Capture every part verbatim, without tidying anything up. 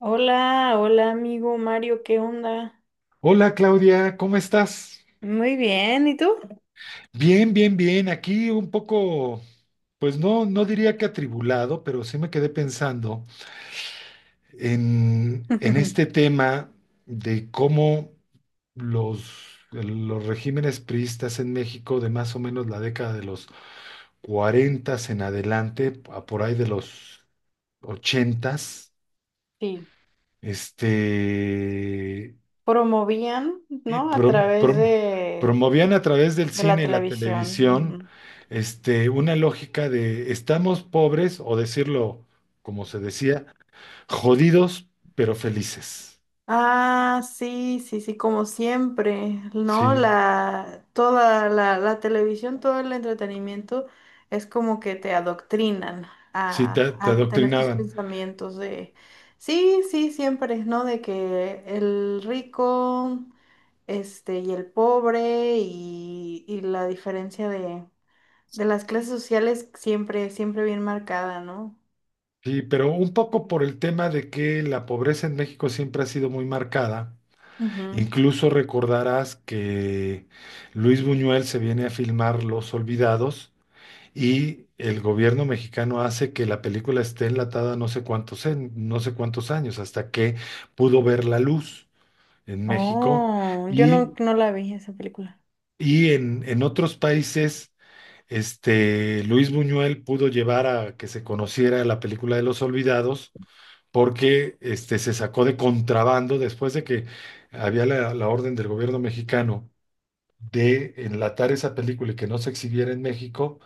Hola, hola amigo Mario, ¿qué onda? Hola Claudia, ¿cómo estás? Muy bien, ¿y tú? Bien, bien, bien. Aquí un poco, pues no, no diría que atribulado, pero sí me quedé pensando en, en este tema de cómo los, los regímenes priistas en México de más o menos la década de los cuarenta en adelante, a por ahí de los ochenta, Sí, este, promovían, y ¿no? A prom- través prom- de, promovían a través del de la cine y la televisión. televisión, Ujú. este, una lógica de estamos pobres, o decirlo como se decía, jodidos pero felices. Ah, sí, sí, sí, como siempre, ¿no? Sí, La, toda la, la televisión, todo el entretenimiento es como que te adoctrinan sí, te, a, te a tener tus adoctrinaban. pensamientos de, sí, sí, siempre, ¿no? De que el rico, este, y el pobre, y, y la diferencia de, de las clases sociales siempre, siempre bien marcada, ¿no? Sí, pero un poco por el tema de que la pobreza en México siempre ha sido muy marcada. Ujú. Incluso recordarás que Luis Buñuel se viene a filmar Los Olvidados y el gobierno mexicano hace que la película esté enlatada no sé cuántos, en- no sé cuántos años, hasta que pudo ver la luz en México Oh, yo no, y, no la vi esa película. y en, en otros países. Este, Luis Buñuel pudo llevar a que se conociera la película de Los Olvidados, porque este, se sacó de contrabando después de que había la, la orden del gobierno mexicano de enlatar esa película y que no se exhibiera en México,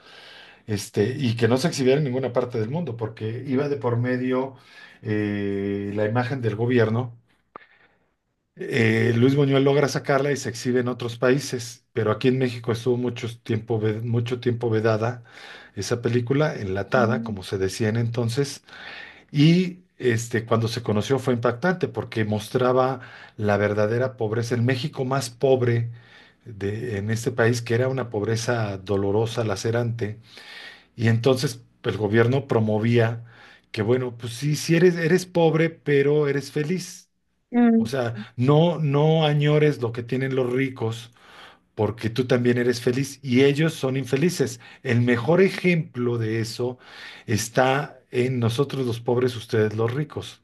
este, y que no se exhibiera en ninguna parte del mundo, porque iba de por medio eh, la imagen del gobierno. Eh, Luis Buñuel logra sacarla y se exhibe en otros países, pero aquí en México estuvo mucho tiempo, ve- mucho tiempo vedada esa película, enlatada, Ujú. como se decía en entonces. Y este, cuando se conoció fue impactante porque mostraba la verdadera pobreza, el México más pobre de, en este país, que era una pobreza dolorosa, lacerante. Y entonces pues, el gobierno promovía que, bueno, pues sí, sí eres, eres pobre, pero eres feliz. O Mm. sea, no, no añores lo que tienen los ricos, porque tú también eres feliz y ellos son infelices. El mejor ejemplo de eso está en nosotros los pobres, ustedes los ricos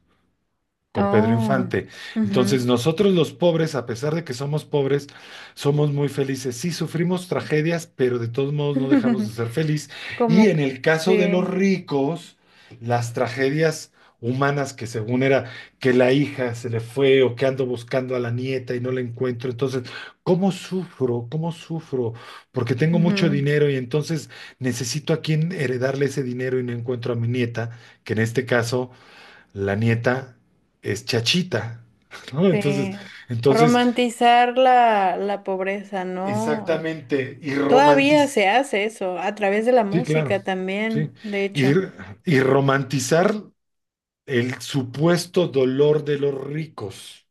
con Pedro Oh, Infante. ujú. Entonces, nosotros los pobres, a pesar de que somos pobres, somos muy felices. Sí, sufrimos tragedias, pero de todos modos no dejamos de ser feliz. Y Como en que el caso de sí, los ricos, las tragedias humanas que según era que la hija se le fue o que ando buscando a la nieta y no la encuentro. Entonces, ¿cómo sufro? ¿Cómo sufro? Porque tengo mucho ujú, dinero y entonces necesito a quien heredarle ese dinero y no encuentro a mi nieta, que en este caso la nieta es Chachita, ¿no? Entonces, sí. entonces, Romantizar la, la pobreza, ¿no? Eh, exactamente, y Todavía romantiz- se hace eso, a través de la sí, claro, música sí, también, de y, hecho. y romantizar el supuesto dolor de los ricos,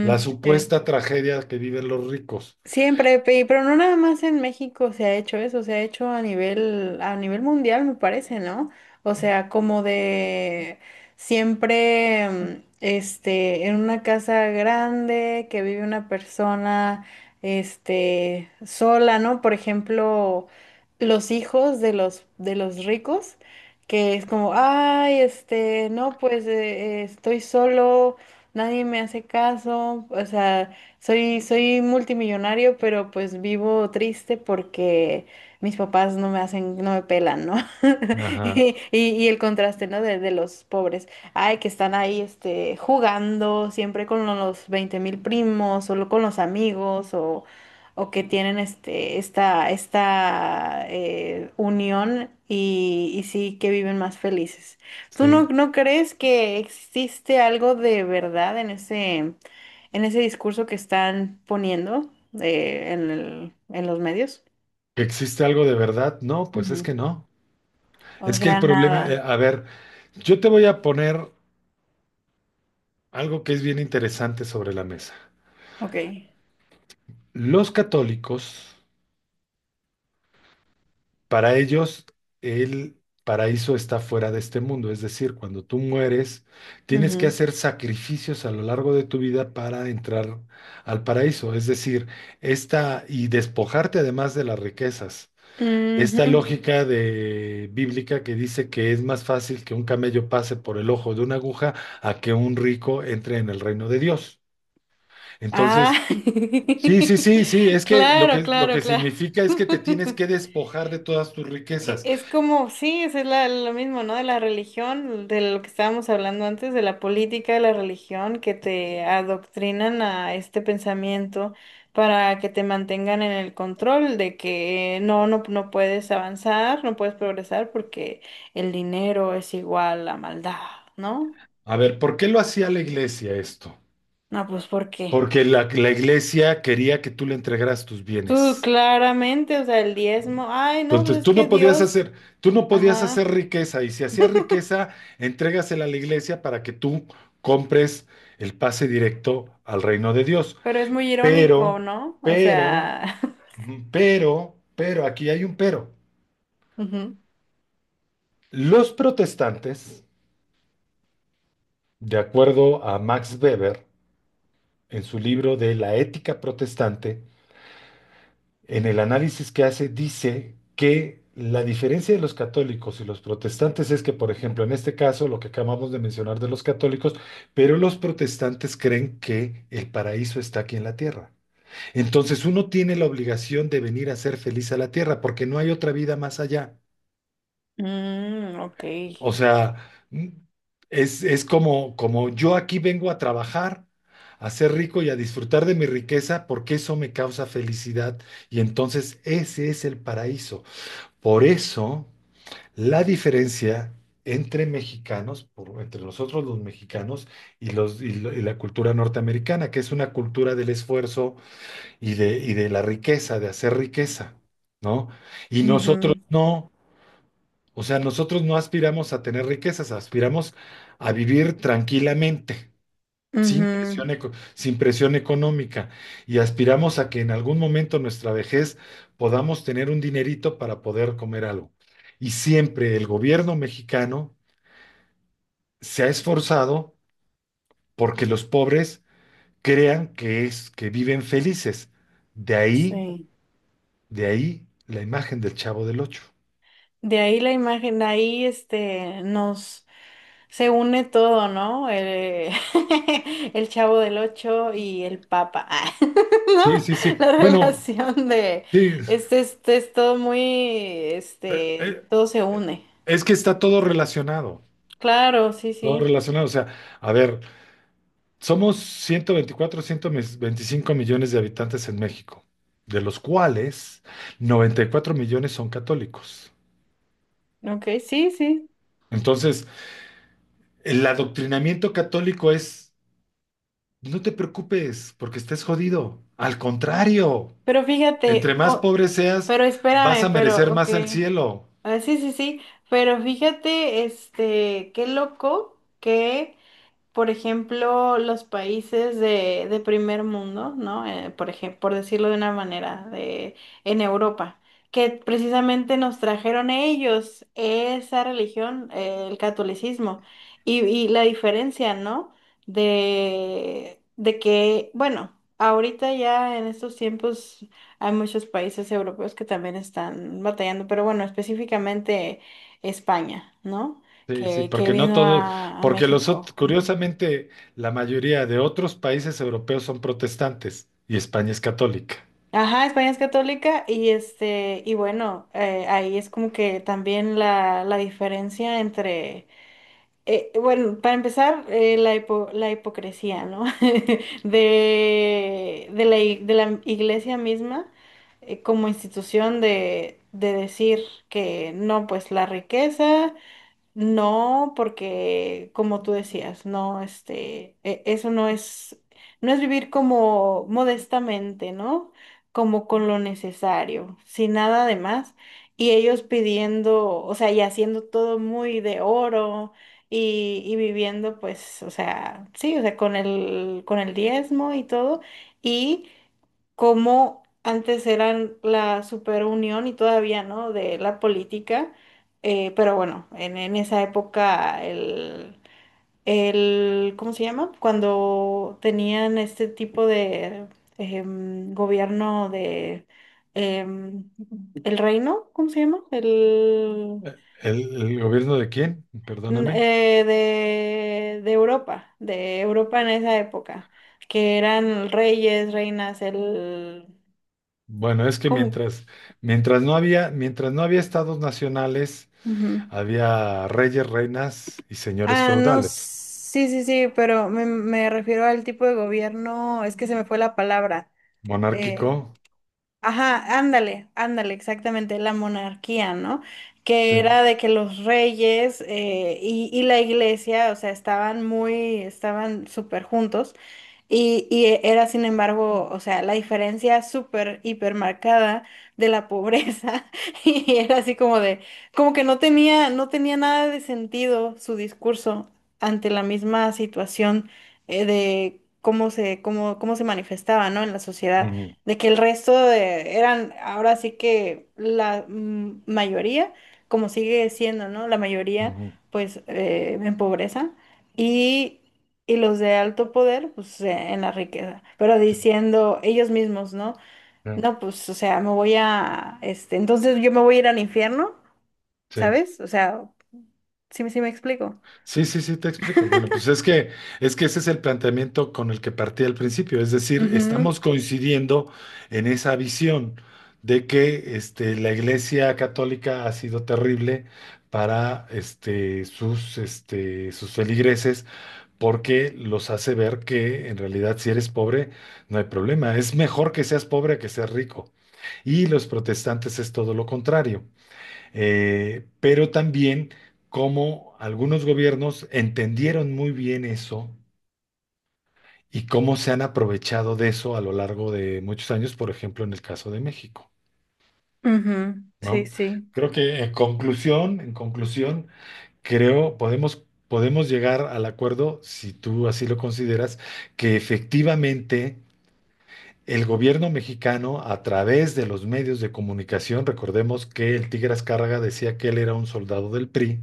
la sí. supuesta tragedia que viven los ricos. Siempre, pe- pero no nada más en México se ha hecho eso, se ha hecho a nivel, a nivel mundial, me parece, ¿no? O sea, como de siempre, mm, este, en una casa grande que vive una persona, este, sola, ¿no? Por ejemplo, los hijos de los, de los ricos, que es como, ay, este, no, pues eh, eh, estoy solo, nadie me hace caso, o sea soy, soy multimillonario, pero pues vivo triste porque mis papás no me hacen, no me pelan, ¿no? Ajá, Y, y- y el contraste, ¿no? De, de los pobres. Ay, que están ahí, este, jugando siempre con los veinte mil primos, solo con los amigos, o, o que tienen, este, esta, esta eh, unión y, y sí que viven más felices. ¿Tú no, sí. no crees que existe algo de verdad en ese en ese discurso que están poniendo eh, en el- en los medios? ¿Que existe algo de verdad? No, pues es Ujú. que no. O Es que el sea, problema, eh, nada. a ver, yo te voy a poner algo que es bien interesante sobre la mesa. Ok. Los católicos. Para ellos, el paraíso está fuera de este mundo, es decir, cuando tú mueres, tienes que Ujú. hacer sacrificios a lo largo de tu vida para entrar al paraíso. Es decir, esta y despojarte además de las riquezas. Esta Ujú. lógica de bíblica que dice que es más fácil que un camello pase por el ojo de una aguja a que un rico entre en el reino de Dios. Entonces, Ah, sí, sí, sí, sí, es que lo claro, que lo claro, que claro. significa es que te tienes que despojar de todas tus E- riquezas. Es como, sí, es la- lo mismo, ¿no? De la religión, de lo que estábamos hablando antes, de la política, de la religión, que te adoctrinan a este pensamiento para que te mantengan en el control de que no, no, no puedes avanzar, no puedes progresar porque el dinero es igual a maldad, ¿no? A ver, ¿por qué lo hacía la iglesia esto? No, pues ¿por qué? Porque la, la iglesia quería que tú le entregaras tus Tú bienes. claramente, o sea, el diezmo, ay, no, pues Entonces es tú que no podías Dios, hacer, tú no podías ajá, hacer riqueza, y si hacías riqueza, entrégasela a la iglesia para que tú compres el pase directo al reino de Dios. pero es muy irónico, Pero, ¿no? O pero, sea. ujú, pero, pero, aquí hay un pero. ujú. Los protestantes, de acuerdo a Max Weber, en su libro de La ética protestante, en el análisis que hace, dice que la diferencia de los católicos y los protestantes es que, por ejemplo, en este caso, lo que acabamos de mencionar de los católicos, pero los protestantes creen que el paraíso está aquí en la tierra. Entonces uno tiene la obligación de venir a ser feliz a la tierra porque no hay otra vida más allá. Mm, ok. O sea, mm, es, es como, como yo aquí vengo a trabajar, a ser rico y a disfrutar de mi riqueza porque eso me causa felicidad, y entonces ese es el paraíso. Por eso, la diferencia entre mexicanos, por- entre nosotros los mexicanos y, los, y lo- y la cultura norteamericana, que es una cultura del esfuerzo y de, y de la riqueza, de hacer riqueza, ¿no? Y nosotros Ujú, no, o sea, nosotros no aspiramos a tener riquezas, aspiramos a vivir tranquilamente sin ujú. presión, eco- sin presión económica, y aspiramos a que en algún momento nuestra vejez podamos tener un dinerito para poder comer algo. Y siempre el gobierno mexicano se ha esforzado porque los pobres crean que es que viven felices. De ahí, Sí, de ahí la imagen del Chavo del Ocho. de ahí la imagen, de ahí este nos se une todo, ¿no? El, el Chavo del Ocho y el Papa, Ah, ¿no? Sí, sí, sí. La Bueno, relación de sí, este, este es todo muy, eh, este, eh, todo se eh, une. es que está todo relacionado, Claro, sí, todo sí. relacionado. O sea, a ver, somos ciento veinticuatro, ciento veinticinco millones de habitantes en México, de los cuales noventa y cuatro millones son católicos. Ok, sí, sí. Entonces, el adoctrinamiento católico es: no te preocupes porque estés jodido. Al contrario, Pero entre fíjate, más po- pobre seas, pero vas espérame, a merecer pero ok. más el cielo. Ah, sí, sí, sí, pero fíjate, este, qué loco que por ejemplo, los países de, de primer mundo, ¿no? Eh, por ejemplo, por decirlo de una manera, de, en Europa, que precisamente nos trajeron ellos esa religión, eh, el catolicismo, y, y la diferencia, ¿no? De, de que, bueno, ahorita ya en estos tiempos hay muchos países europeos que también están batallando, pero bueno, específicamente España, ¿no? Sí, sí, Que, que porque no vino todos, a, a porque los, ot- México. Ujú. curiosamente, la mayoría de otros países europeos son protestantes y España es católica. Ajá, España es católica y este, y bueno, eh, ahí es como que también la, la diferencia entre, eh, bueno, para empezar, eh, la hipo- la hipocresía, ¿no? De, de la, i- de la iglesia misma, eh, como institución de, de decir que no, pues la riqueza. No, porque como tú decías, no, este, e- eso no es, no es vivir como modestamente, ¿no? Como con lo necesario, sin nada de más. Y ellos pidiendo, o sea, y haciendo todo muy de oro y, y viviendo, pues, o sea, sí, o sea, con el, con el diezmo y todo. Y como antes eran la superunión y todavía, ¿no? De la política eh, pero bueno, en, en esa época el, el, ¿cómo se llama? Cuando tenían este tipo de em, gobierno de em, el reino, ¿cómo se llama? El ¿El, el gobierno de quién? n- Perdóname. eh, de, de Europa, de Europa en esa época, que eran reyes, reinas, el, Bueno, es que ¿cómo? mientras, mientras no había, mientras no había estados nacionales, había reyes, reinas y señores Ah, no, feudales. sí, sí, sí, pero me, me refiero al tipo de gobierno, es que se me fue la palabra. Monárquico, eh, ajá, ándale, ándale, exactamente, la monarquía, ¿no? Que sí. era de que los reyes eh, y, y la iglesia, o sea, estaban muy, estaban súper juntos. Y, y e- era, sin embargo, o sea, la diferencia súper, hiper marcada de la pobreza. Y era así como de, como que no tenía, no tenía nada de sentido su discurso ante la misma situación eh, de cómo se, cómo, cómo se manifestaba, ¿no? En la sociedad. Ujú, De que el resto de- eran, ahora sí que la mm, mayoría, como sigue siendo, ¿no? La mayoría, ujú, pues, eh, en pobreza. y y los de alto poder, pues eh, en la riqueza, pero sí, diciendo ellos mismos, ¿no? ya, No, pues, o sea, me voy a, este, entonces yo me voy a ir al infierno, sí. ¿sabes? O sea, sí, me- sí me explico. Sí, sí, sí, te explico. Bueno, pues es que, es que ese es el planteamiento con el que partí al principio. Es decir, Ujú, estamos coincidiendo en esa visión de que este, la Iglesia Católica ha sido terrible para este, sus, este, sus feligreses porque los hace ver que en realidad si eres pobre no hay problema, es mejor que seas pobre que seas rico. Y los protestantes es todo lo contrario. Eh, pero también cómo algunos gobiernos entendieron muy bien eso y cómo se han aprovechado de eso a lo largo de muchos años, por ejemplo, en el caso de México, ujú, sí, ¿no? sí. Creo que en conclusión, en conclusión, creo, podemos, podemos llegar al acuerdo, si tú así lo consideras, que efectivamente el gobierno mexicano, a través de los medios de comunicación, recordemos que el Tigre Azcárraga decía que él era un soldado del PRI,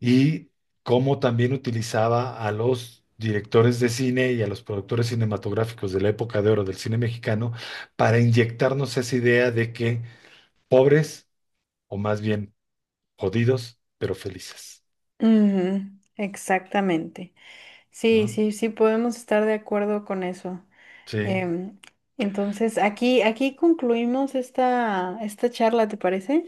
y cómo también utilizaba a los directores de cine y a los productores cinematográficos de la época de oro del cine mexicano para inyectarnos esa idea de que pobres, o más bien jodidos, pero felices, Ujú, exactamente. Sí, ¿no? sí, sí, podemos estar de acuerdo con eso. Sí. Em, entonces, aquí, aquí concluimos esta, esta charla, ¿te parece?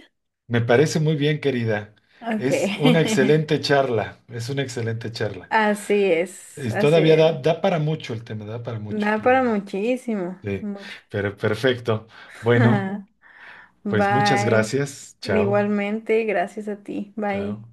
Me parece muy bien, querida. Ok. Es una excelente charla, es una excelente charla. Así es, Es- así Todavía da, es. da para mucho el tema, da para mucho, Da para pero muchísimo, sí, mucho. pero perfecto. Bueno, pues muchas Bye. gracias. Chao, Igualmente, gracias a ti. chao. Bye.